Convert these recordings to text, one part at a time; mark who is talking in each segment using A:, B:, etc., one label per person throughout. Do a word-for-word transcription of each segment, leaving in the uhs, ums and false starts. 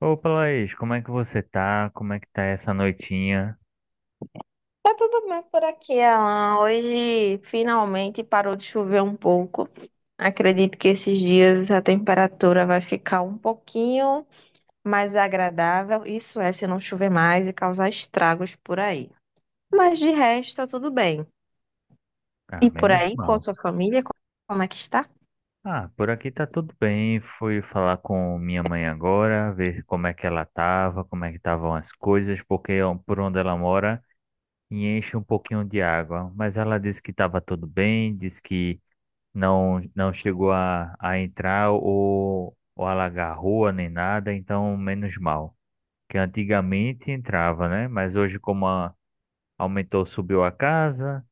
A: Opa, Laís, como é que você tá? Como é que tá essa noitinha?
B: Tá tudo bem por aqui, Alan. Hoje finalmente parou de chover um pouco. Acredito que esses dias a temperatura vai ficar um pouquinho mais agradável. Isso é, se não chover mais e causar estragos por aí. Mas de resto, tá tudo bem.
A: Ah,
B: E por
A: menos
B: aí, com a
A: mal.
B: sua família, co- como é que está?
A: Ah, por aqui tá tudo bem. Fui falar com minha mãe agora, ver como é que ela tava, como é que estavam as coisas, porque ó, por onde ela mora enche um pouquinho de água. Mas ela disse que tava tudo bem, disse que não não chegou a, a entrar ou, ou alagar a rua nem nada, então menos mal. Que antigamente entrava, né? Mas hoje como a aumentou, subiu a casa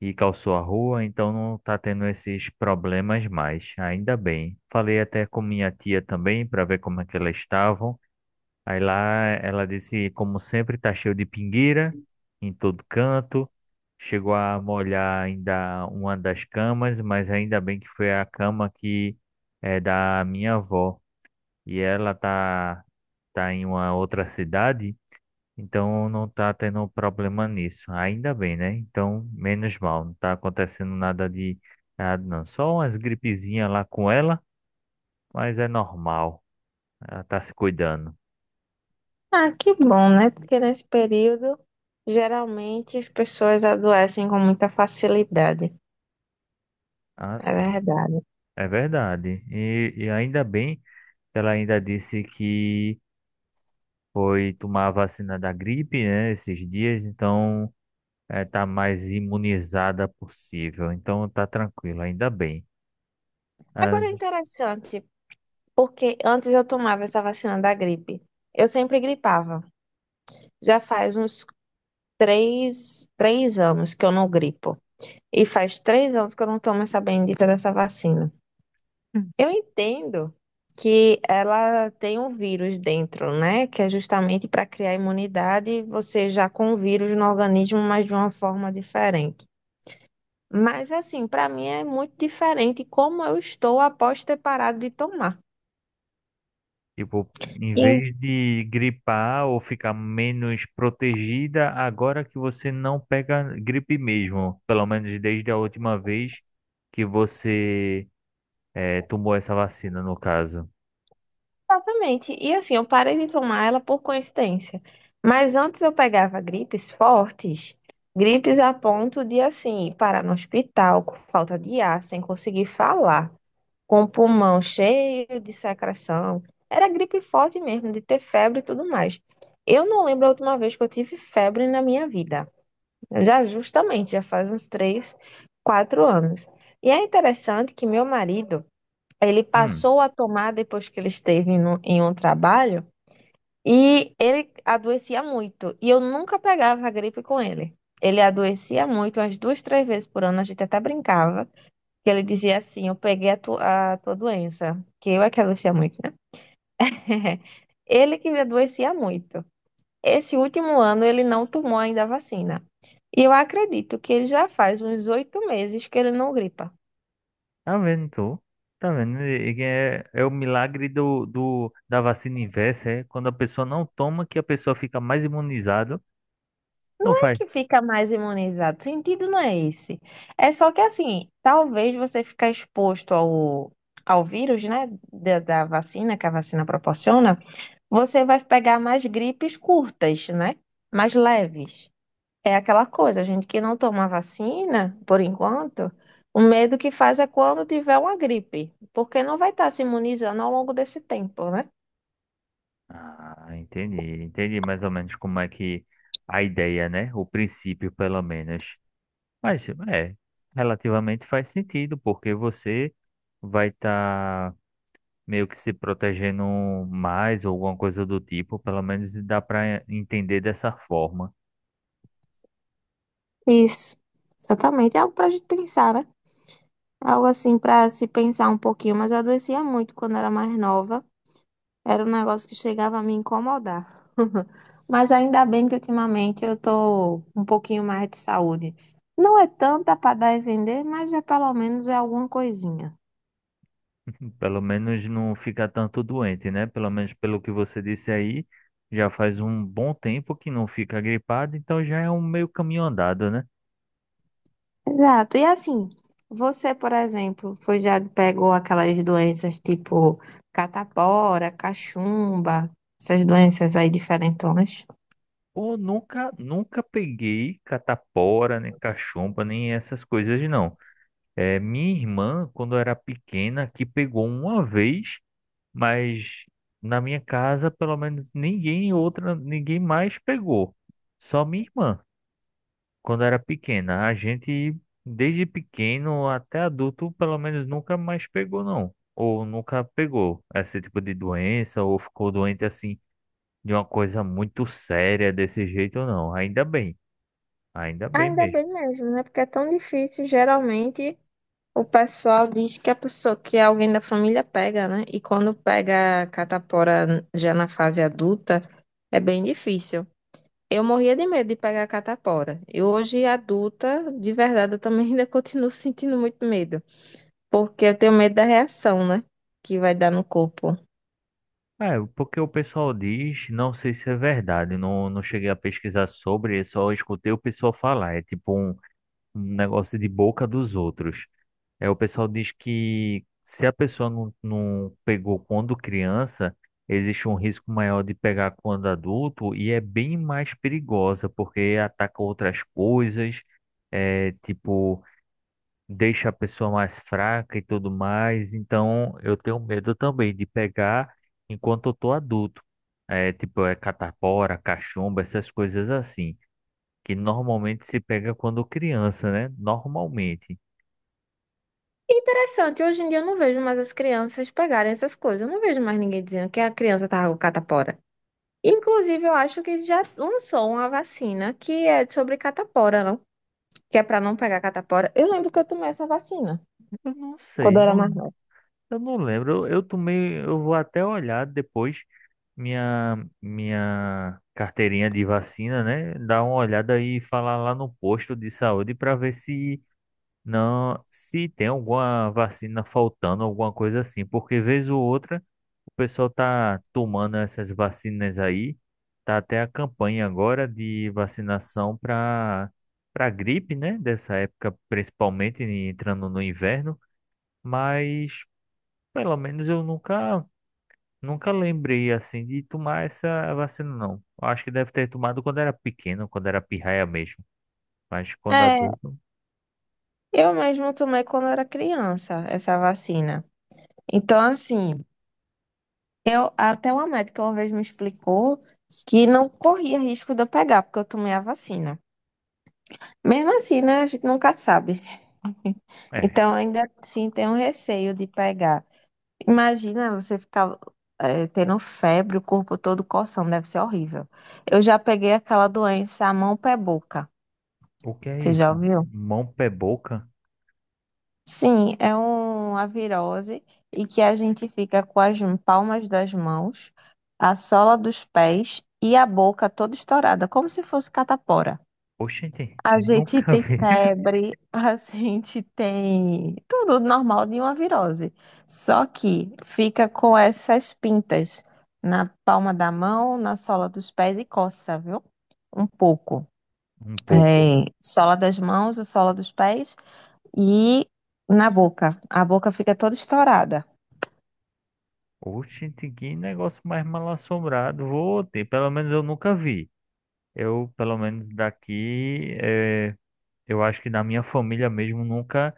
A: e calçou a rua, então não tá tendo esses problemas mais. Ainda bem. Falei até com minha tia também para ver como é que elas estavam. Aí lá ela disse, como sempre, tá cheio de pingueira em todo canto. Chegou a molhar ainda uma das camas, mas ainda bem que foi a cama que é da minha avó. E ela tá tá em uma outra cidade, então não tá tendo problema nisso. Ainda bem, né? Então, menos mal. Não tá acontecendo nada de nada, não. Só umas gripezinhas lá com ela, mas é normal. Ela tá se cuidando.
B: Ah, que bom, né? Porque nesse período, geralmente as pessoas adoecem com muita facilidade.
A: Ah,
B: É
A: sim.
B: verdade.
A: É verdade. E, e ainda bem que ela ainda disse que foi tomar a vacina da gripe, né? Esses dias, então é, tá mais imunizada possível. Então tá tranquilo, ainda bem. Ah.
B: Agora é interessante. Porque antes eu tomava essa vacina da gripe. Eu sempre gripava. Já faz uns três, três anos que eu não gripo. E faz três anos que eu não tomo essa bendita dessa vacina. Eu entendo que ela tem um vírus dentro, né? Que é justamente para criar imunidade, você já com o vírus no organismo, mas de uma forma diferente. Mas assim, para mim é muito diferente como eu estou após ter parado de tomar.
A: Tipo, em vez de gripar ou ficar menos protegida, agora que você não pega gripe mesmo, pelo menos desde a última vez que você eh, tomou essa vacina, no caso.
B: Exatamente. E assim, eu parei de tomar ela por coincidência. Mas antes eu pegava gripes fortes, gripes a ponto de, assim, parar no hospital com falta de ar, sem conseguir falar, com o pulmão cheio de secreção. Era gripe forte mesmo, de ter febre e tudo mais. Eu não lembro a última vez que eu tive febre na minha vida. Já justamente, já faz uns três, quatro anos. E é interessante que meu marido. Ele
A: Hum,
B: passou a tomar depois que ele esteve no- em um trabalho e ele adoecia muito. E eu nunca pegava a gripe com ele. Ele adoecia muito, umas duas, três vezes por ano. A gente até brincava, que ele dizia assim: Eu peguei a, tu- a tua doença, que eu é que adoecia muito, né? Ele que adoecia muito. Esse último ano ele não tomou ainda a vacina. E eu acredito que ele já faz uns oito meses que ele não gripa.
A: tá vendo tu? Tá vendo? E- e É, é o milagre do, do, da vacina inversa, é quando a pessoa não toma que a pessoa fica mais imunizada, não faz.
B: Que fica mais imunizado. O sentido não é esse. É só que assim, talvez você ficar exposto ao, ao vírus, né, da, da vacina, que a vacina proporciona, você vai pegar mais gripes curtas, né, mais leves. É aquela coisa, a gente que não toma vacina, por enquanto, o medo que faz é quando tiver uma gripe, porque não vai estar se imunizando ao longo desse tempo, né?
A: Ah, entendi, entendi mais ou menos como é que a ideia, né? O princípio, pelo menos. Mas é, relativamente faz sentido, porque você vai estar meio que se protegendo mais ou alguma coisa do tipo, pelo menos dá para entender dessa forma.
B: Isso, exatamente. É algo pra gente pensar, né? Algo assim para se pensar um pouquinho, mas eu adoecia muito quando era mais nova. Era um negócio que chegava a me incomodar. Mas ainda bem que ultimamente eu tô um pouquinho mais de saúde. Não é tanta para dar e vender, mas já pelo menos é alguma coisinha.
A: Pelo menos não fica tanto doente, né? Pelo menos pelo que você disse aí, já faz um bom tempo que não fica gripado, então já é um meio caminho andado, né?
B: Exato. E assim, você, por exemplo, foi já pegou aquelas doenças tipo catapora, cachumba, essas doenças aí diferentonas?
A: Ou nunca, nunca peguei catapora, nem cachumba, nem essas coisas, não. É, minha irmã, quando era pequena, que pegou uma vez, mas na minha casa, pelo menos ninguém outra, ninguém mais pegou. Só minha irmã, quando era pequena. A gente, desde pequeno até adulto, pelo menos nunca mais pegou, não. Ou nunca pegou esse tipo de doença, ou ficou doente assim, de uma coisa muito séria desse jeito, não. Ainda bem, ainda bem
B: Ainda
A: mesmo.
B: bem mesmo, né? Porque é tão difícil, geralmente. O pessoal diz que a pessoa, que alguém da família pega, né? E quando pega a catapora já na fase adulta, é bem difícil. Eu morria de medo de pegar a catapora. E hoje, adulta, de verdade, eu também ainda continuo sentindo muito medo. Porque eu tenho medo da reação, né? Que vai dar no corpo.
A: É, porque o pessoal diz, não sei se é verdade, não, não cheguei a pesquisar sobre, só escutei o pessoal falar. É tipo um, um negócio de boca dos outros. É, o pessoal diz que se a pessoa não, não pegou quando criança, existe um risco maior de pegar quando adulto e é bem mais perigosa, porque ataca outras coisas. É tipo deixa a pessoa mais fraca e tudo mais. Então, eu tenho medo também de pegar enquanto eu tô adulto. É, tipo, é catapora, cachumba, essas coisas assim, que normalmente se pega quando criança, né? Normalmente.
B: Interessante, hoje em dia eu não vejo mais as crianças pegarem essas coisas. Eu não vejo mais ninguém dizendo que a criança tá com catapora. Inclusive, eu acho que já lançou uma vacina que é sobre catapora, não? Que é para não pegar catapora. Eu lembro que eu tomei essa vacina
A: Eu não
B: quando
A: sei,
B: eu era
A: não,
B: mais nova.
A: eu não lembro. Eu, eu tomei, eu vou até olhar depois minha minha carteirinha de vacina, né? Dar uma olhada e falar lá no posto de saúde para ver se não, se tem alguma vacina faltando, alguma coisa assim, porque vez ou outra o pessoal tá tomando essas vacinas aí, tá até a campanha agora de vacinação para para gripe, né? Dessa época, principalmente entrando no inverno, mas pelo menos eu nunca nunca lembrei assim de tomar essa vacina não. Acho que deve ter tomado quando era pequeno, quando era pirraia mesmo, mas quando
B: É,
A: adulto,
B: eu mesmo tomei quando eu era criança essa vacina. Então, assim, eu até uma médica uma vez me explicou que não corria risco de eu pegar, porque eu tomei a vacina. Mesmo assim, né, a gente nunca sabe.
A: é.
B: Então, ainda assim, tem um receio de pegar. Imagina você ficar eh, tendo febre, o corpo todo coçando, deve ser horrível. Eu já peguei aquela doença mão, pé, boca.
A: O que é
B: Você já
A: isso?
B: ouviu?
A: Mão, pé, boca?
B: Sim, é uma virose e que a gente fica com as palmas das mãos, a sola dos pés e a boca toda estourada, como se fosse catapora.
A: Oxente,
B: A gente
A: nunca
B: tem
A: vi.
B: febre, a gente tem tudo normal de uma virose. Só que fica com essas pintas na palma da mão, na sola dos pés e coça, viu? Um pouco.
A: Um pouco.
B: É, sola das mãos e sola dos pés. E na boca. A boca fica toda estourada.
A: Oxente, que negócio mais mal assombrado. Vou ter, pelo menos eu nunca vi. Eu, pelo menos daqui, eh, eu acho que da minha família mesmo nunca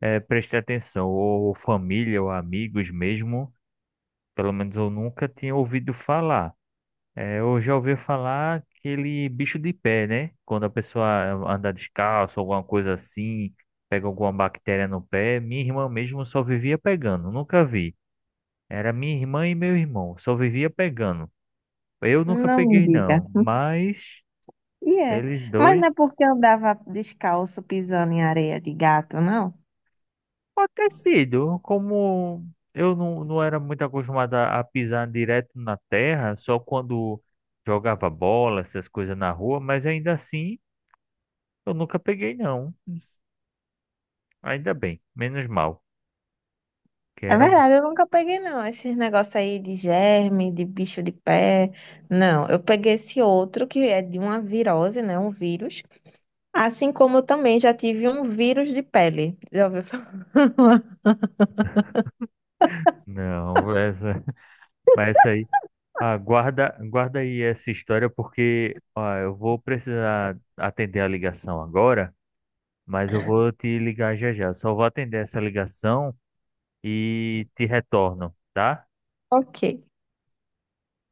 A: eh, prestei atenção. Ou família, ou amigos mesmo, pelo menos eu nunca tinha ouvido falar. É, eu já ouvi falar aquele bicho de pé, né? Quando a pessoa anda descalço, alguma coisa assim, pega alguma bactéria no pé. Minha irmã mesmo só vivia pegando, nunca vi. Era minha irmã e meu irmão, só vivia pegando. Eu nunca
B: Não me
A: peguei,
B: diga.
A: não, mas
B: E é.
A: eles
B: Mas
A: dois.
B: não é porque eu andava descalço pisando em areia de gato, não?
A: Pode ter sido, como eu não, não era muito acostumado a a pisar direto na terra, só quando jogava bola, essas coisas na rua, mas ainda assim eu nunca peguei, não. Ainda bem, menos mal. Que
B: É
A: era um...
B: verdade, eu nunca peguei, não, esses negócios aí de germe, de bicho de pé. Não, eu peguei esse outro que é de uma virose, né? Um vírus. Assim como eu também já tive um vírus de pele. Já ouviu falar?
A: Não, essa, mas essa aí. Ah, guarda, guarda aí essa história porque ó, eu vou precisar atender a ligação agora, mas eu vou te ligar já já. Só vou atender essa ligação e te retorno, tá?
B: Ok.